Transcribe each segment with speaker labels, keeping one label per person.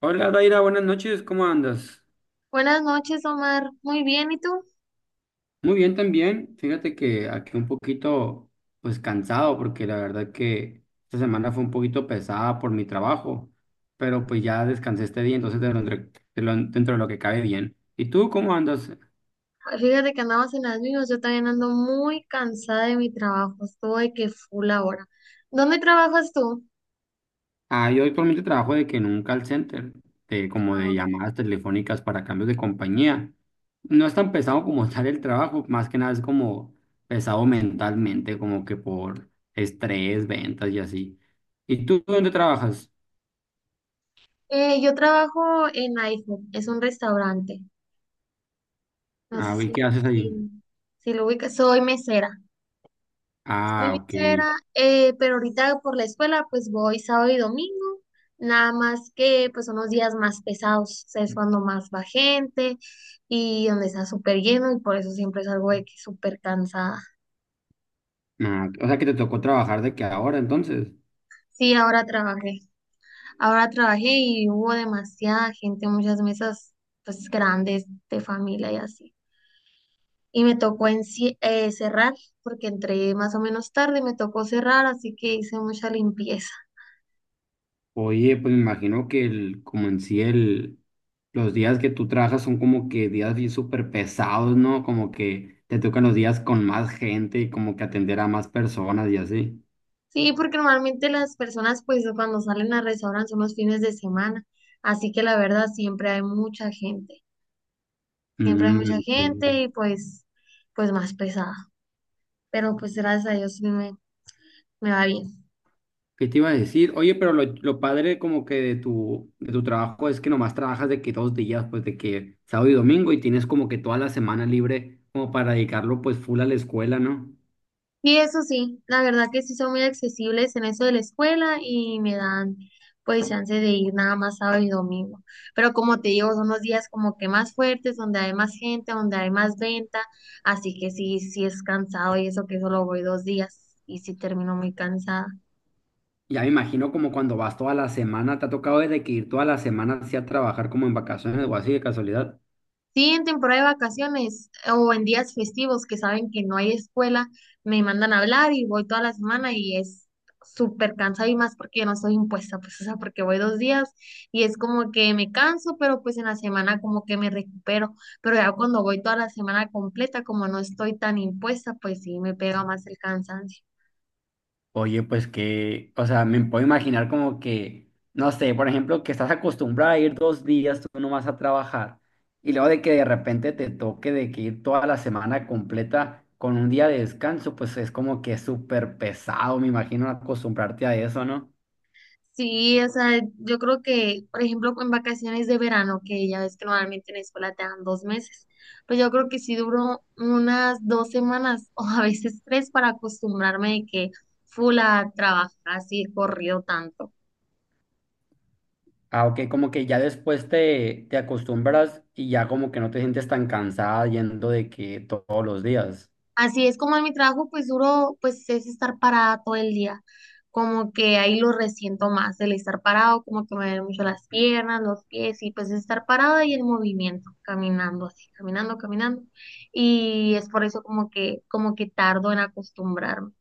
Speaker 1: Hola Daira, buenas noches, ¿cómo andas?
Speaker 2: Buenas noches, Omar. Muy bien, ¿y tú?
Speaker 1: Muy bien también, fíjate que aquí un poquito pues cansado porque la verdad que esta semana fue un poquito pesada por mi trabajo, pero pues ya descansé este día, entonces dentro de lo que cabe bien. ¿Y tú cómo andas?
Speaker 2: Fíjate que andamos en las mismas. Yo también ando muy cansada de mi trabajo. Estoy que full ahora. ¿Dónde trabajas tú?
Speaker 1: Ah, yo actualmente trabajo de que en un call center, de, como
Speaker 2: Ah,
Speaker 1: de
Speaker 2: ok.
Speaker 1: llamadas telefónicas para cambios de compañía. No es tan pesado como tal el trabajo, más que nada es como pesado mentalmente, como que por estrés, ventas y así. ¿Y tú dónde trabajas?
Speaker 2: Yo trabajo en iPhone. Es un restaurante. No sé
Speaker 1: Ah, ¿y qué haces ahí?
Speaker 2: si, si lo ubicas. Soy mesera. Soy
Speaker 1: Ah, ok.
Speaker 2: mesera, pero ahorita por la escuela pues voy sábado y domingo, nada más que pues son los días más pesados, o sea, es cuando más va gente y donde está súper lleno y por eso siempre salgo de que súper cansada.
Speaker 1: Ah, o sea que te tocó trabajar de que ahora entonces.
Speaker 2: Sí, ahora trabajé y hubo demasiada gente, muchas mesas pues grandes de familia y así. Y me tocó cerrar porque entré más o menos tarde, me tocó cerrar, así que hice mucha limpieza.
Speaker 1: Oye, pues me imagino que el, como en sí el, los días que tú trabajas son como que días bien súper pesados, ¿no? Como que te tocan los días con más gente y como que atender a más personas y así.
Speaker 2: Sí, porque normalmente las personas pues cuando salen a restaurantes son los fines de semana, así que la verdad siempre hay mucha gente, siempre hay mucha
Speaker 1: Mm,
Speaker 2: gente
Speaker 1: ok.
Speaker 2: y pues más pesada, pero pues gracias a Dios sí me va bien.
Speaker 1: ¿Qué te iba a decir? Oye, pero lo padre como que de tu trabajo es que nomás trabajas de que dos días, pues de que sábado y domingo y tienes como que toda la semana libre como para dedicarlo pues full a la escuela, ¿no?
Speaker 2: Y eso sí, la verdad que sí son muy accesibles en eso de la escuela y me dan pues chance de ir nada más sábado y domingo. Pero como te digo, son los días como que más fuertes, donde hay más gente, donde hay más venta, así que sí, sí es cansado y eso que solo voy 2 días y sí termino muy cansada.
Speaker 1: Ya me imagino como cuando vas toda la semana, te ha tocado desde que ir toda la semana así a trabajar como en vacaciones o así de casualidad.
Speaker 2: Sí, en temporada de vacaciones o en días festivos que saben que no hay escuela, me mandan a hablar y voy toda la semana y es súper cansado y más porque yo no soy impuesta, pues o sea, porque voy 2 días y es como que me canso, pero pues en la semana como que me recupero, pero ya cuando voy toda la semana completa, como no estoy tan impuesta, pues sí, me pega más el cansancio.
Speaker 1: Oye, pues que, o sea, me puedo imaginar como que, no sé, por ejemplo, que estás acostumbrada a ir dos días, tú no vas a trabajar, y luego de que de repente te toque de que ir toda la semana completa con un día de descanso, pues es como que es súper pesado, me imagino acostumbrarte a eso, ¿no?
Speaker 2: Sí, o sea, yo creo que, por ejemplo, en vacaciones de verano, que ya ves que normalmente en la escuela te dan 2 meses, pues yo creo que sí duró unas 2 semanas o a veces tres para acostumbrarme de que full a trabajar así corrido tanto.
Speaker 1: Ah, ok, como que ya después te acostumbras y ya como que no te sientes tan cansada yendo de que todos los días.
Speaker 2: Así es como en mi trabajo, pues duro, pues es estar parada todo el día. Como que ahí lo resiento más, el estar parado, como que me duelen mucho las piernas, los pies, y pues estar parada y el movimiento, caminando así, caminando, caminando. Y es por eso como que tardo en acostumbrarme.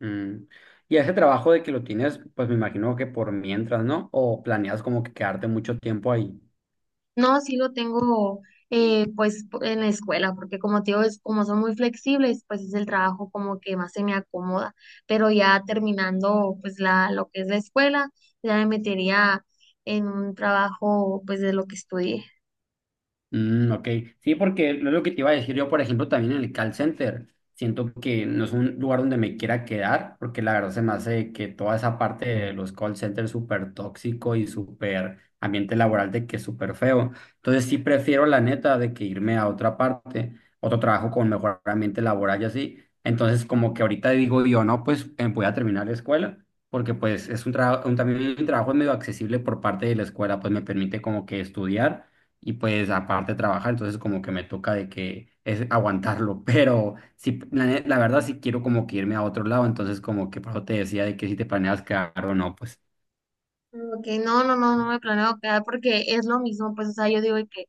Speaker 1: Mm. Y ese trabajo de que lo tienes, pues me imagino que por mientras, ¿no? O planeas como que quedarte mucho tiempo ahí.
Speaker 2: No, sí lo tengo pues en la escuela, porque como te digo, es, como son muy flexibles, pues es el trabajo como que más se me acomoda, pero ya terminando pues lo que es la escuela, ya me metería en un trabajo pues de lo que estudié.
Speaker 1: Mm, ok, sí, porque lo que te iba a decir yo, por ejemplo, también en el call center, siento que no es un lugar donde me quiera quedar, porque la verdad se me hace que toda esa parte de los call centers súper tóxico y súper ambiente laboral de que es súper feo. Entonces sí prefiero la neta de que irme a otra parte, otro trabajo con mejor ambiente laboral y así. Entonces como que ahorita digo yo, no, pues voy a terminar la escuela. Porque pues es un trabajo, también un trabajo medio accesible por parte de la escuela, pues me permite como que estudiar y pues aparte trabajar, entonces como que me toca de que es aguantarlo, pero sí, la verdad sí quiero como que irme a otro lado, entonces como que por eso te decía de que si te planeas quedar o no, pues.
Speaker 2: Como que no, no, no, no me planeo quedar porque es lo mismo, pues o sea, yo digo que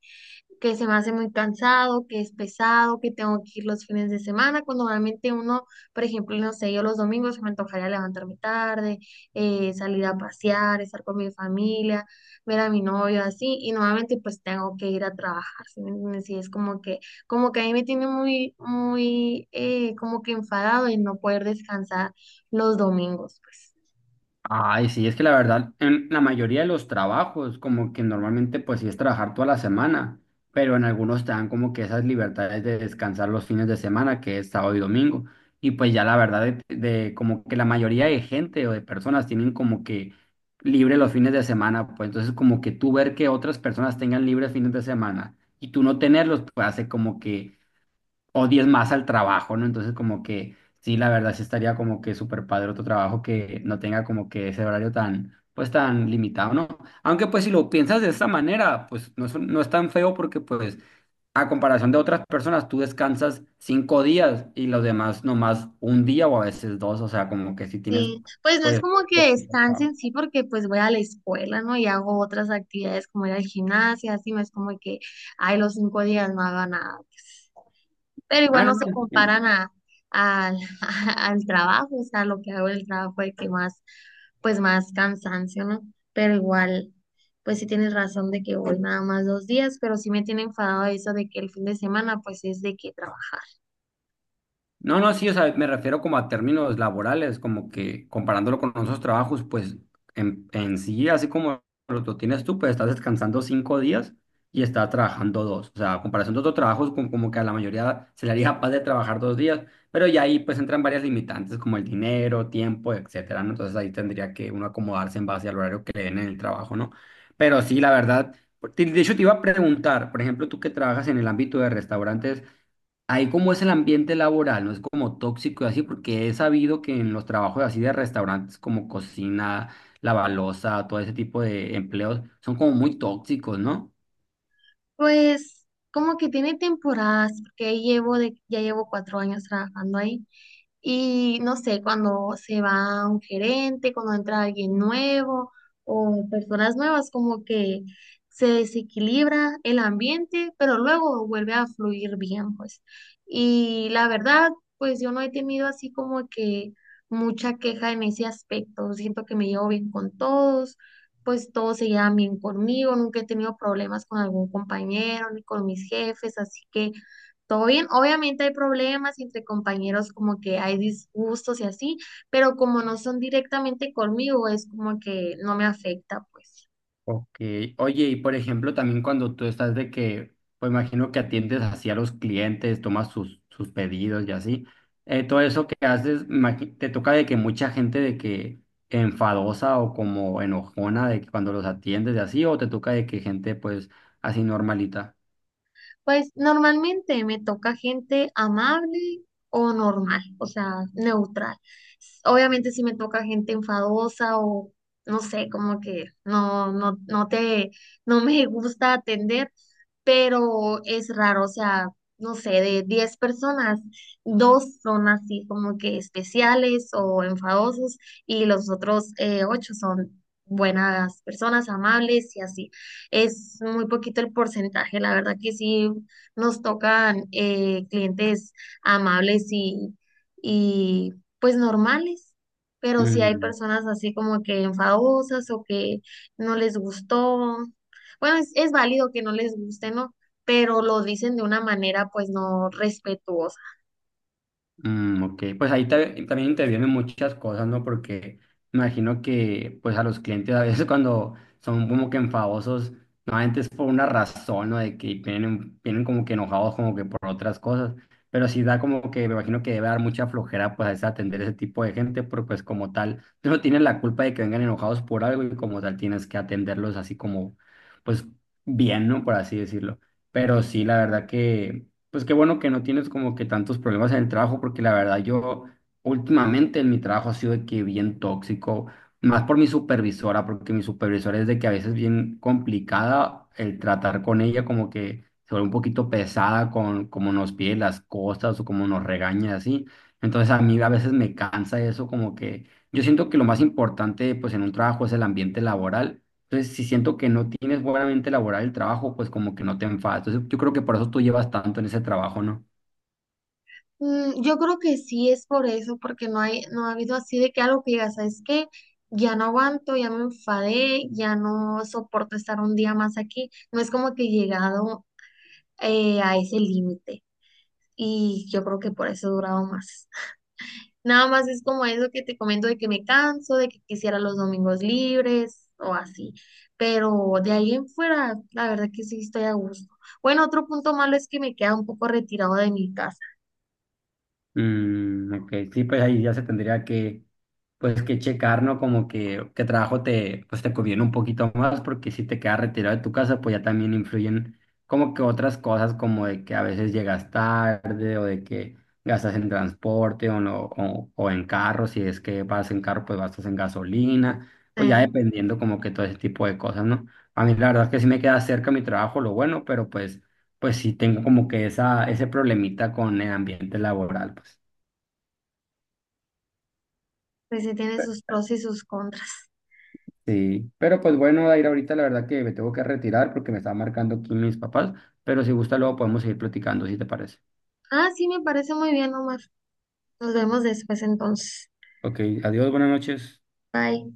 Speaker 2: que se me hace muy cansado, que es pesado, que tengo que ir los fines de semana, cuando normalmente uno, por ejemplo, no sé, yo los domingos me antojaría levantarme tarde, salir a pasear, estar con mi familia, ver a mi novio así, y nuevamente pues tengo que ir a trabajar, ¿sí me entiendes? Y es como que a mí me tiene muy, muy, como que enfadado y no poder descansar los domingos, pues.
Speaker 1: Ay, sí, es que la verdad, en la mayoría de los trabajos, como que normalmente pues sí es trabajar toda la semana, pero en algunos te dan como que esas libertades de descansar los fines de semana, que es sábado y domingo. Y pues ya la verdad, de como que la mayoría de gente o de personas tienen como que libre los fines de semana, pues entonces como que tú ver que otras personas tengan libres fines de semana y tú no tenerlos, pues hace como que o 10 más al trabajo, ¿no? Entonces como que sí, la verdad sí estaría como que súper padre otro trabajo que no tenga como que ese horario tan, pues tan limitado, ¿no? Aunque pues si lo piensas de esta manera, pues no no es tan feo porque pues a comparación de otras personas, tú descansas cinco días y los demás nomás un día o a veces dos, o sea, como que si tienes,
Speaker 2: Sí, pues no es
Speaker 1: pues...
Speaker 2: como que
Speaker 1: poquito
Speaker 2: descanse
Speaker 1: trabajo.
Speaker 2: en sí porque pues voy a la escuela, ¿no? Y hago otras actividades como ir al gimnasio, así no es como que, ay, los 5 días no haga nada. Pero igual
Speaker 1: Ah, no,
Speaker 2: no
Speaker 1: no.
Speaker 2: se
Speaker 1: No.
Speaker 2: comparan al al trabajo, o sea, lo que hago en el trabajo de que más, pues más cansancio, ¿no? Pero igual, pues sí tienes razón de que voy nada más 2 días, pero sí me tiene enfadado eso de que el fin de semana pues es de que trabajar.
Speaker 1: No, no, sí, o sea, me refiero como a términos laborales, como que comparándolo con otros trabajos, pues en sí, así como lo tienes tú, pues estás descansando cinco días y estás trabajando dos. O sea, a comparación de otros trabajos, como que a la mayoría se le haría capaz de trabajar dos días, pero ya ahí pues entran varias limitantes como el dinero, tiempo, etcétera, ¿no? Entonces ahí tendría que uno acomodarse en base al horario que le den en el trabajo, ¿no? Pero sí, la verdad, de hecho te iba a preguntar, por ejemplo, tú que trabajas en el ámbito de restaurantes. Ahí como es el ambiente laboral, no es como tóxico y así, porque he sabido que en los trabajos así de restaurantes como cocina, balosa, todo ese tipo de empleos son como muy tóxicos, ¿no?
Speaker 2: Pues como que tiene temporadas, porque ahí ya llevo 4 años trabajando ahí. Y no sé, cuando se va un gerente, cuando entra alguien nuevo o personas nuevas, como que se desequilibra el ambiente, pero luego vuelve a fluir bien, pues. Y la verdad, pues yo no he tenido así como que mucha queja en ese aspecto. Siento que me llevo bien con todos, pues todos se llevan bien conmigo, nunca he tenido problemas con algún compañero ni con mis jefes, así que... Todo bien, obviamente hay problemas entre compañeros, como que hay disgustos y así, pero como no son directamente conmigo, es como que no me afecta, pues.
Speaker 1: Ok. Oye, y por ejemplo, también cuando tú estás de que, pues imagino que atiendes así a los clientes, tomas sus pedidos y así, todo eso que haces, te toca de que mucha gente de que enfadosa o como enojona de que cuando los atiendes y así, o te toca de que gente pues así normalita.
Speaker 2: Pues normalmente me toca gente amable o normal, o sea, neutral. S- Obviamente si me toca gente enfadosa o no sé, como que no me gusta atender, pero es raro, o sea, no sé, de 10 personas, dos son así como que especiales o enfadosos y los otros ocho son buenas personas, amables y así es muy poquito el porcentaje. La verdad que sí nos tocan clientes amables y pues normales, pero sí hay
Speaker 1: Mm,
Speaker 2: personas así como que enfadosas o que no les gustó. Bueno, es válido que no les guste, ¿no? Pero lo dicen de una manera pues no respetuosa.
Speaker 1: ok, pues ahí también intervienen muchas cosas, ¿no? Porque me imagino que pues a los clientes a veces cuando son como que enfadosos, normalmente es por una razón, ¿no? De que vienen como que enojados como que por otras cosas, pero sí da como que me imagino que debe dar mucha flojera pues a veces atender ese tipo de gente, porque pues como tal, tú no tienes la culpa de que vengan enojados por algo y como tal tienes que atenderlos así como pues bien, ¿no? Por así decirlo. Pero sí, la verdad que... Pues qué bueno que no tienes como que tantos problemas en el trabajo, porque la verdad yo últimamente en mi trabajo ha sido de que bien tóxico, más por mi supervisora, porque mi supervisora es de que a veces bien complicada el tratar con ella, como que se vuelve un poquito pesada con cómo nos pide las cosas o cómo nos regaña así. Entonces a mí a veces me cansa eso, como que yo siento que lo más importante pues en un trabajo es el ambiente laboral. Entonces, si siento que no tienes buena mente laboral el trabajo, pues como que no te enfadas. Entonces, yo creo que por eso tú llevas tanto en ese trabajo, ¿no?
Speaker 2: Mm, yo creo que sí es por eso, porque no hay, no ha habido así de que algo que digas, ¿sabes qué? Ya no aguanto, ya me enfadé, ya no soporto estar un día más aquí. No es como que he llegado a ese límite. Y yo creo que por eso he durado más. Nada más es como eso que te comento de que me canso, de que quisiera los domingos libres o así. Pero de ahí en fuera, la verdad que sí estoy a gusto. Bueno, otro punto malo es que me queda un poco retirado de mi casa.
Speaker 1: Mm, ok, sí, pues ahí ya se tendría que, pues que checar, ¿no? Como que qué trabajo te, pues te conviene un poquito más, porque si te quedas retirado de tu casa, pues ya también influyen como que otras cosas, como de que a veces llegas tarde o de que gastas en transporte o, no, o en carro, si es que vas en carro, pues gastas en gasolina, pues ya
Speaker 2: Eh,
Speaker 1: dependiendo como que todo ese tipo de cosas, ¿no? A mí la verdad es que sí me queda cerca mi trabajo, lo bueno, pero pues, pues sí tengo como que ese problemita con el ambiente laboral, pues.
Speaker 2: Pues sí tiene sus pros y sus contras.
Speaker 1: Sí, pero pues bueno, Dair, ahorita la verdad que me tengo que retirar porque me están marcando aquí mis papás, pero si gusta luego podemos seguir platicando, si te parece.
Speaker 2: Ah, sí, me parece muy bien, Omar. Nos vemos después entonces.
Speaker 1: Ok, adiós, buenas noches.
Speaker 2: Bye.